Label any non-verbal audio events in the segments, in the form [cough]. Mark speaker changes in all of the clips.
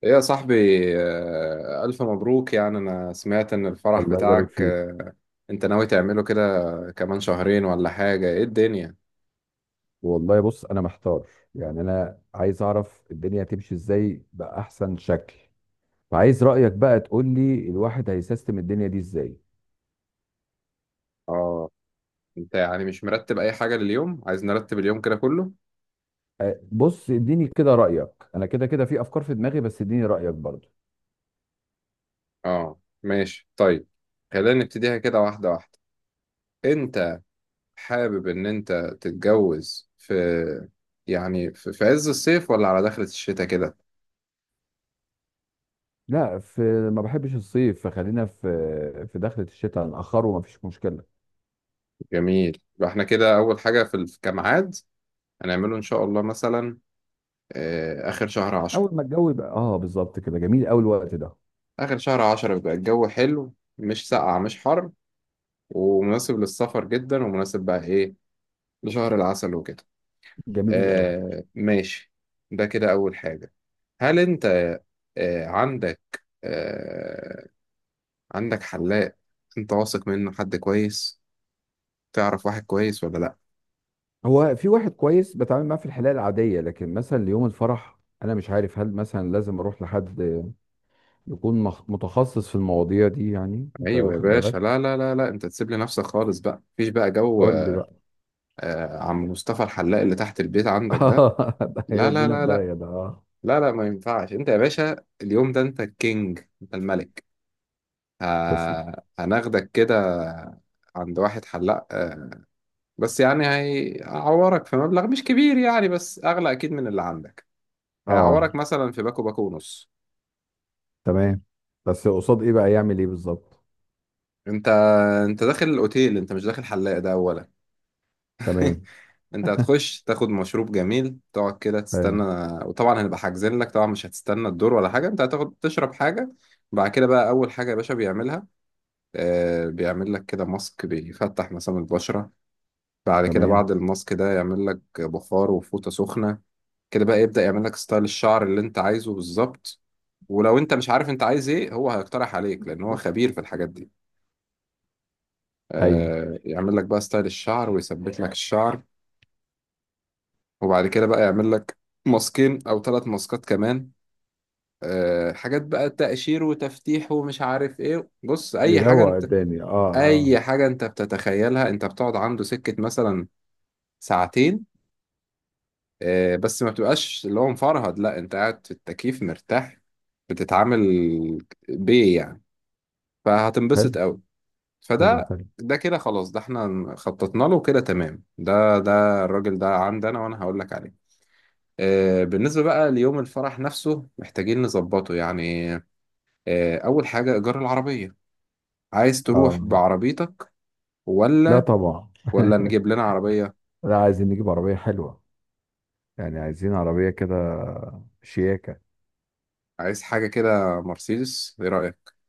Speaker 1: إيه يا صاحبي؟ آه، ألف مبروك. يعني أنا سمعت إن الفرح
Speaker 2: الله يبارك
Speaker 1: بتاعك،
Speaker 2: فيك.
Speaker 1: أنت ناوي تعمله كده كمان شهرين ولا حاجة؟ إيه الدنيا؟
Speaker 2: والله بص انا محتار. يعني انا عايز اعرف الدنيا هتمشي ازاي باحسن شكل، فعايز رايك بقى تقول لي الواحد هيسيستم الدنيا دي ازاي.
Speaker 1: آه، أنت يعني مش مرتب أي حاجة لليوم؟ عايز نرتب اليوم كده كله؟
Speaker 2: أه، بص اديني كده رايك، انا كده كده في افكار في دماغي، بس اديني رايك برضو.
Speaker 1: آه ماشي طيب. خلينا نبتديها كده واحدة واحدة. أنت حابب إن أنت تتجوز في، يعني في عز الصيف ولا على دخلة الشتاء كده؟
Speaker 2: لا، ما بحبش الصيف، فخلينا في دخلة الشتاء نأخره، ما فيش مشكلة.
Speaker 1: جميل. يبقى إحنا كده أول حاجة في كميعاد هنعمله إن شاء الله مثلا آخر شهر عشرة.
Speaker 2: اول ما الجو يبقى اه بالظبط كده، جميل قوي الوقت ده.
Speaker 1: آخر شهر عشرة بيبقى الجو حلو، مش ساقع مش حر، ومناسب للسفر جدا، ومناسب بقى إيه لشهر العسل وكده.
Speaker 2: جميل قوي.
Speaker 1: آه ماشي. ده كده أول حاجة. هل أنت آه عندك آه عندك حلاق أنت واثق منه؟ حد كويس تعرف واحد كويس ولا لأ؟
Speaker 2: هو في واحد كويس بتعامل معاه في الحالة العادية، لكن مثلا ليوم الفرح أنا مش عارف هل مثلا لازم أروح لحد يكون متخصص في المواضيع دي، يعني أنت
Speaker 1: أيوة يا
Speaker 2: واخد
Speaker 1: باشا،
Speaker 2: بالك؟
Speaker 1: لا لا لا لا، أنت تسيب لي نفسك خالص بقى، مفيش بقى جو.
Speaker 2: قول لي بقى.
Speaker 1: آه، عم مصطفى الحلاق اللي تحت البيت عندك
Speaker 2: [laughs]
Speaker 1: ده؟
Speaker 2: آه، ده
Speaker 1: لا لا
Speaker 2: هيودينا في
Speaker 1: لا لا،
Speaker 2: داهية ده، أه.
Speaker 1: لا لا ما ينفعش انت يا باشا. اليوم ده انت الكينج، انت الملك. ه...
Speaker 2: تسلم.
Speaker 1: هناخدك كده عند واحد حلاق، بس يعني هيعورك في مبلغ مش كبير يعني، بس اغلى اكيد من اللي عندك.
Speaker 2: أه
Speaker 1: هيعورك مثلا في باكو، باكو ونص.
Speaker 2: تمام. بس قصاد إيه بقى يعمل إيه بالظبط؟
Speaker 1: انت انت داخل الاوتيل، انت مش داخل حلاق ده اولا. [laughs]
Speaker 2: تمام.
Speaker 1: انت
Speaker 2: [laughs]
Speaker 1: هتخش تاخد مشروب جميل، تقعد كده
Speaker 2: حلو.
Speaker 1: تستنى. وطبعا هنبقى حاجزين لك طبعا، مش هتستنى الدور ولا حاجه، انت هتاخد تشرب حاجه. بعد كده بقى اول حاجه يا باشا بيعملها، بيعمل لك كده ماسك بيفتح مسام البشرة. بعد كده،
Speaker 2: تمام.
Speaker 1: بعد الماسك ده، يعمل لك بخار وفوطة سخنة. كده بقى يبدأ يعمل لك ستايل الشعر اللي انت عايزه بالظبط. ولو انت مش عارف انت عايز ايه، هو هيقترح عليك لان هو خبير في الحاجات دي.
Speaker 2: أيوه.
Speaker 1: يعمل لك بقى ستايل الشعر ويثبت لك الشعر. وبعد كده بقى يعمل لك ماسكين او ثلاث ماسكات كمان، حاجات بقى تقشير وتفتيح ومش عارف ايه. بص،
Speaker 2: بيروق الدنيا، أه أه.
Speaker 1: اي حاجة انت بتتخيلها. انت بتقعد عنده سكة مثلا ساعتين، بس ما بتبقاش اللي هو مفرهد، لا انت قاعد في التكييف مرتاح، بتتعامل بيه يعني.
Speaker 2: حلو
Speaker 1: فهتنبسط قوي.
Speaker 2: حلو
Speaker 1: فده
Speaker 2: حلو.
Speaker 1: ده كده خلاص، ده احنا خططنا له كده، تمام. ده الراجل ده عندي انا، وانا هقول لك عليه. بالنسبة بقى ليوم الفرح نفسه محتاجين نظبطه يعني. أول حاجة إيجار العربية. عايز تروح
Speaker 2: أه.
Speaker 1: بعربيتك
Speaker 2: لا
Speaker 1: ولا
Speaker 2: طبعا.
Speaker 1: ولا
Speaker 2: [laughs]
Speaker 1: نجيب لنا عربية؟
Speaker 2: لا، عايزين نجيب عربية حلوة، يعني عايزين عربية كده شياكة.
Speaker 1: عايز حاجة كده مرسيدس، إيه رأيك؟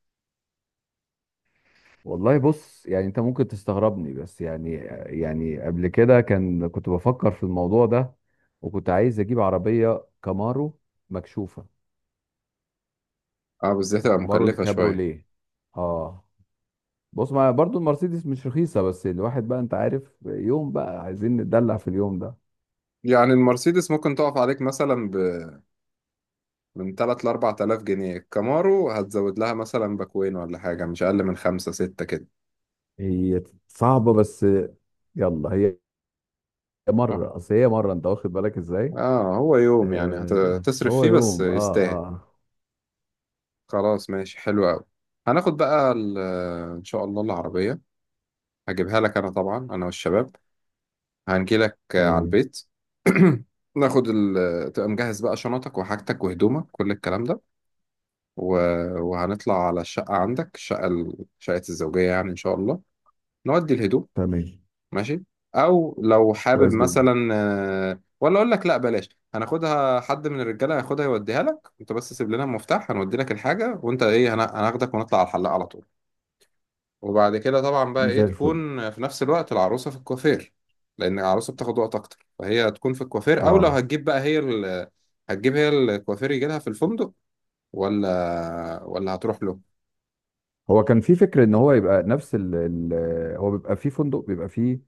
Speaker 2: والله بص، يعني انت ممكن تستغربني، بس يعني يعني قبل كده كان كنت بفكر في الموضوع ده، وكنت عايز اجيب عربية كامارو مكشوفة،
Speaker 1: اه، بس دي هتبقى
Speaker 2: كامارو
Speaker 1: مكلفة شوية.
Speaker 2: الكابروليه. اه بص، ما برضو المرسيدس مش رخيصة، بس الواحد بقى انت عارف يوم، بقى عايزين نتدلع في اليوم ده.
Speaker 1: يعني المرسيدس ممكن تقف عليك مثلا من 3 ل 4000 جنيه. الكامارو هتزود لها مثلا باكوين ولا حاجة، مش أقل من 5 6 كده.
Speaker 2: هي صعبة بس، يلا، هي
Speaker 1: اه.
Speaker 2: مرة، اصل هي مرة، انت واخد بالك ازاي.
Speaker 1: هو يوم يعني
Speaker 2: آه،
Speaker 1: هتصرف
Speaker 2: هو
Speaker 1: فيه بس
Speaker 2: يوم، اه
Speaker 1: يستاهل.
Speaker 2: اه.
Speaker 1: خلاص ماشي، حلو أوي. هناخد بقى إن شاء الله العربية. هجيبها لك أنا طبعا، أنا والشباب هنجيلك على
Speaker 2: تمام
Speaker 1: البيت. [clears throat] ناخد تبقى مجهز بقى شنطك وحاجتك وهدومك، كل الكلام ده، و... وهنطلع على الشقة عندك، الشقة شقة الزوجية يعني إن شاء الله، نودي الهدوم.
Speaker 2: تمام.
Speaker 1: ماشي، او لو حابب
Speaker 2: كويس جدا.
Speaker 1: مثلا، ولا اقول لك لا بلاش، هناخدها حد من الرجاله هياخدها يوديها لك. انت بس سيب لنا المفتاح هنودي لك الحاجه، وانت ايه هناخدك ونطلع على الحلاق على طول. وبعد كده طبعا بقى ايه،
Speaker 2: زي الفل.
Speaker 1: تكون في نفس الوقت العروسه في الكوافير، لان العروسه بتاخد وقت اكتر، فهي تكون في الكوافير. او لو
Speaker 2: اه،
Speaker 1: هتجيب بقى هي هتجيب هي الكوافير يجي لها في الفندق ولا هتروح له؟
Speaker 2: هو كان في فكرة ان هو يبقى نفس ال هو بيبقى في فندق، بيبقى فيه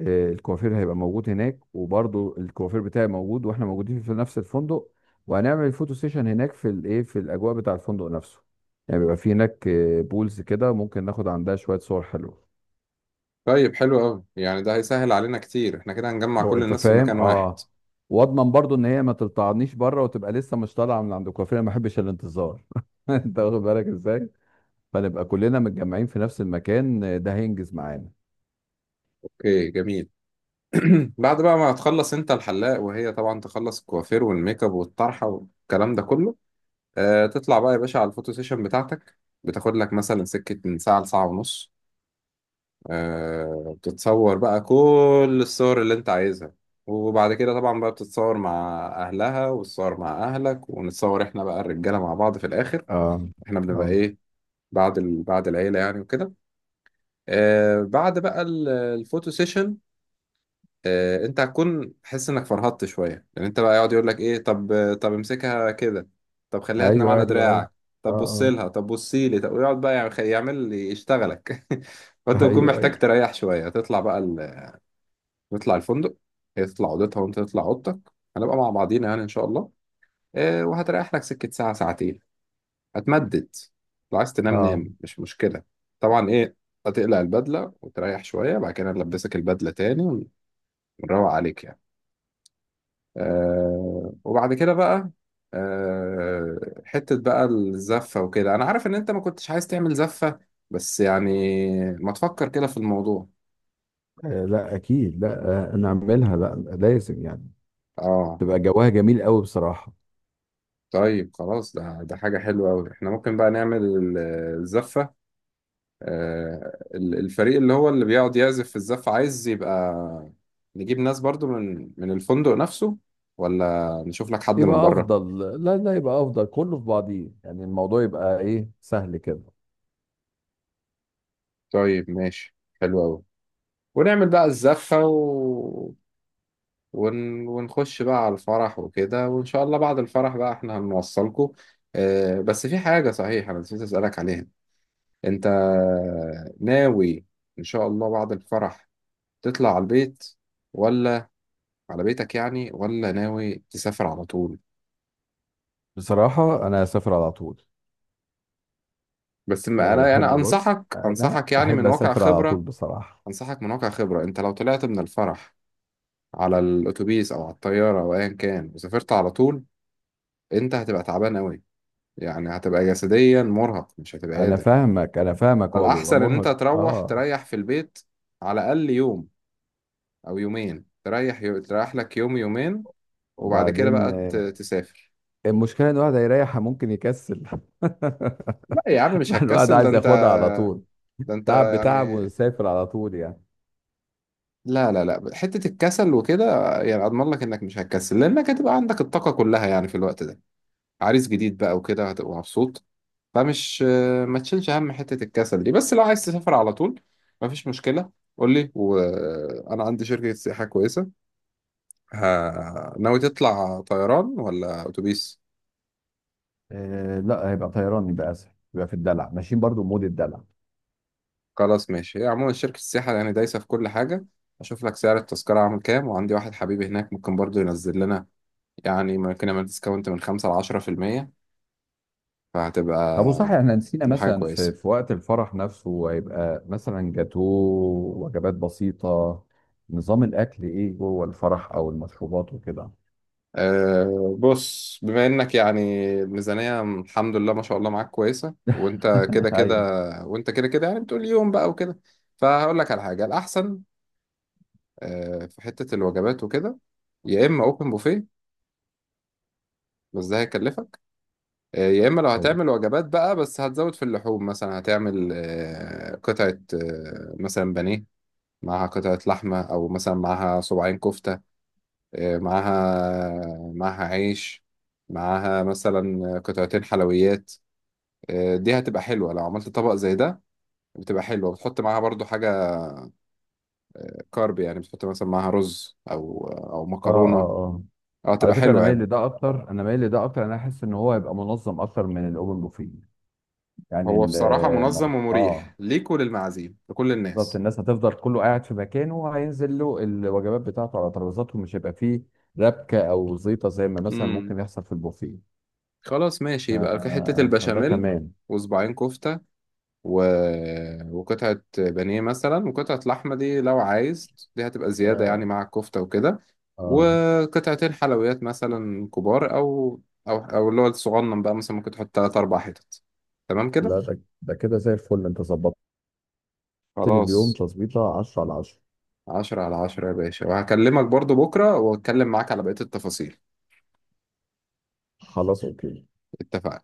Speaker 2: آه، الكوافير هيبقى موجود هناك، وبرضه الكوافير بتاعي موجود، واحنا موجودين في نفس الفندق، وهنعمل الفوتو سيشن هناك في الايه، في الاجواء بتاع الفندق نفسه. يعني بيبقى في هناك آه، بولز كده، ممكن ناخد عندها شوية صور حلوة.
Speaker 1: طيب حلو قوي يعني، ده هيسهل علينا كتير، احنا كده هنجمع
Speaker 2: لو
Speaker 1: كل
Speaker 2: انت
Speaker 1: الناس في
Speaker 2: فاهم،
Speaker 1: مكان واحد.
Speaker 2: اه. واضمن برضه ان هي ما تلطعنيش بره، وتبقى لسه مش طالعه من عند الكوافير، انا ما بحبش الانتظار. [laughs] انت واخد بالك ازاي، فنبقى كلنا متجمعين في نفس المكان، آه، ده هينجز معانا.
Speaker 1: اوكي جميل. بعد بقى ما تخلص انت الحلاق، وهي طبعا تخلص الكوافير والميك اب والطرحه والكلام ده كله، آه تطلع بقى يا باشا على الفوتو سيشن بتاعتك. بتاخد لك مثلا سكه من ساعه لساعه ونص. آه بتتصور بقى كل الصور اللي انت عايزها. وبعد كده طبعا بقى بتتصور مع اهلها، وتتصور مع اهلك، ونتصور احنا بقى الرجاله مع بعض في الاخر.
Speaker 2: اه
Speaker 1: احنا
Speaker 2: اه،
Speaker 1: بنبقى ايه بعد بعد العيله يعني وكده. آه بعد بقى الفوتو سيشن، انت هتكون حس انك فرهدت شويه، لان انت بقى يقعد يقول لك ايه، طب امسكها كده، طب خليها تنام
Speaker 2: ايوه
Speaker 1: على
Speaker 2: ايوه ايوه.
Speaker 1: دراعك، طب بص
Speaker 2: اه
Speaker 1: لها، طب بصي لي، طب ويقعد بقى يعمل يشتغلك. [laughs] فانت
Speaker 2: اه. [laughs]
Speaker 1: بتكون
Speaker 2: ايوه
Speaker 1: محتاج
Speaker 2: ايوه،
Speaker 1: تريح شويه، تطلع بقى تطلع الفندق، هي تطلع اوضتها وانت تطلع اوضتك، هنبقى مع بعضينا يعني ان شاء الله. وهتريح لك سكه ساعه ساعتين، هتمدد. لو عايز تنام
Speaker 2: اه.
Speaker 1: نام، مش مشكله. طبعا ايه، هتقلع البدله وتريح شويه، بعد كده نلبسك البدله تاني ونروق عليك يعني. وبعد كده بقى، حتة بقى الزفة وكده. أنا عارف إن أنت ما كنتش عايز تعمل زفة، بس يعني ما تفكر كده في الموضوع.
Speaker 2: آه، لا اكيد، لا آه، نعملها، لا لازم يعني
Speaker 1: آه.
Speaker 2: تبقى جواها جميل قوي بصراحه.
Speaker 1: طيب خلاص، ده حاجة حلوة أوي. إحنا ممكن بقى نعمل الزفة. الفريق اللي هو اللي بيقعد يعزف في الزفة، عايز يبقى نجيب ناس برضو من الفندق نفسه، ولا نشوف لك حد من
Speaker 2: يبقى
Speaker 1: بره؟
Speaker 2: افضل، لا لا، يبقى افضل كله في بعضيه، يعني الموضوع يبقى ايه سهل كده.
Speaker 1: طيب ماشي حلو أوي. ونعمل بقى الزفة ونخش بقى على الفرح وكده. وإن شاء الله بعد الفرح بقى إحنا هنوصلكوا. آه بس في حاجة، صحيح أنا نسيت أسألك عليها. أنت ناوي إن شاء الله بعد الفرح تطلع على البيت، ولا على بيتك يعني، ولا ناوي تسافر على طول؟
Speaker 2: بصراحه انا هسافر على طول.
Speaker 1: بس ما
Speaker 2: انا
Speaker 1: أنا
Speaker 2: بحب،
Speaker 1: أنا
Speaker 2: بص
Speaker 1: أنصحك
Speaker 2: انا
Speaker 1: أنصحك يعني
Speaker 2: بحب
Speaker 1: من واقع
Speaker 2: اسافر على طول
Speaker 1: خبرة،
Speaker 2: بصراحه.
Speaker 1: أنصحك من واقع خبرة، أنت لو طلعت من الفرح على الأتوبيس أو على الطيارة أو أيا كان، وسافرت على طول، أنت هتبقى تعبان أوي، يعني هتبقى جسديا مرهق، مش هتبقى
Speaker 2: انا
Speaker 1: قادر.
Speaker 2: فاهمك انا فاهمك، هو بيبقى
Speaker 1: فالأحسن إن أنت
Speaker 2: مرهق
Speaker 1: تروح
Speaker 2: اه.
Speaker 1: تريح في البيت، على الأقل يوم أو يومين، تريح تريح لك يوم يومين، وبعد كده
Speaker 2: وبعدين
Speaker 1: بقى
Speaker 2: آه،
Speaker 1: تسافر.
Speaker 2: المشكله ان الواحد هيريح ممكن يكسل.
Speaker 1: لا يا عم مش
Speaker 2: [laughs] الواحد
Speaker 1: هتكسل، ده
Speaker 2: عايز
Speaker 1: أنت
Speaker 2: ياخدها على طول،
Speaker 1: ده أنت
Speaker 2: تعب
Speaker 1: يعني.
Speaker 2: بتعب وسافر على طول يعني.
Speaker 1: لا لا لا، حتة الكسل وكده يعني، أضمن لك إنك مش هتكسل لأنك هتبقى عندك الطاقة كلها يعني في الوقت ده، عريس جديد بقى وكده، هتبقى مبسوط. فمش، ما تشيلش هم حتة الكسل دي. بس لو عايز تسافر على طول مفيش مشكلة، قول لي وأنا عندي شركة سياحة كويسة. ناوي تطلع طيران ولا اتوبيس؟
Speaker 2: آه لا، هيبقى طيران يبقى اسهل، يبقى في الدلع، ماشيين برضو مود الدلع.
Speaker 1: خلاص ماشي. هي عموما شركة السياحة يعني دايسة في كل حاجة. اشوف لك سعر التذكرة عامل كام، وعندي واحد حبيبي هناك ممكن برضو ينزل لنا يعني، ممكن يعمل ديسكاونت من 5 لـ10%. فهتبقى
Speaker 2: طب وصحيح احنا نسينا،
Speaker 1: تبقى حاجة
Speaker 2: مثلا في
Speaker 1: كويسة.
Speaker 2: في وقت الفرح نفسه هيبقى مثلا جاتوه، وجبات بسيطة، نظام الاكل ايه جوه الفرح، او المشروبات وكده.
Speaker 1: أه بص، بما انك يعني الميزانية الحمد لله ما شاء الله معاك كويسة، وانت كده
Speaker 2: [laughs]
Speaker 1: كده
Speaker 2: ايوه.
Speaker 1: وانت كده كده يعني بتقول يوم بقى وكده، فهقول لك على حاجة الأحسن. أه في حتة الوجبات وكده، يا إما أوبن بوفيه، بس ده هيكلفك. يا اما لو
Speaker 2: حلو.
Speaker 1: هتعمل وجبات بقى، بس هتزود في اللحوم، مثلا هتعمل قطعة، مثلا بانيه معاها قطعة لحمة، او مثلا معاها صباعين كفتة، معاها عيش، معاها مثلا قطعتين حلويات. دي هتبقى حلوة لو عملت طبق زي ده. بتبقى حلوة بتحط معاها برضو حاجة كارب يعني، بتحط مثلا معاها رز او
Speaker 2: اه اه
Speaker 1: مكرونة.
Speaker 2: اه.
Speaker 1: اه
Speaker 2: على
Speaker 1: تبقى
Speaker 2: فكرة انا
Speaker 1: حلوة
Speaker 2: مايل
Speaker 1: يعني.
Speaker 2: لده اكتر، انا مايل لده اكتر، انا احس ان هو هيبقى منظم اكتر من الاوبن بوفيه. يعني
Speaker 1: هو
Speaker 2: ال...
Speaker 1: بصراحة منظم ومريح
Speaker 2: اه
Speaker 1: ليك وللمعازيم لكل
Speaker 2: بالظبط،
Speaker 1: الناس.
Speaker 2: الناس هتفضل كله قاعد في مكانه، وهينزل له الوجبات بتاعته على ترابيزاتهم، مش هيبقى فيه ربكة أو زيطة زي ما مثلا ممكن يحصل في البوفيه.
Speaker 1: خلاص ماشي،
Speaker 2: ف...
Speaker 1: يبقى في حتة
Speaker 2: فده
Speaker 1: البشاميل،
Speaker 2: تمام.
Speaker 1: وصباعين كفتة، و... وقطعة بانيه مثلا، وقطعة لحمة دي لو عايز دي هتبقى زيادة يعني
Speaker 2: آه
Speaker 1: مع الكفتة وكده،
Speaker 2: آه.
Speaker 1: وقطعتين حلويات مثلا كبار، أو اللي هو الصغنن بقى مثلا ممكن تحط تلات أربع حتت. تمام كده.
Speaker 2: لا ده ده كده زي الفل، أنت ظبطت لي اليوم
Speaker 1: خلاص،
Speaker 2: تظبيطة 10 على 10.
Speaker 1: 10/10 يا باشا، وهكلمك برضو بكرة وأتكلم معاك على بقية التفاصيل.
Speaker 2: خلاص أوكي.
Speaker 1: اتفقنا.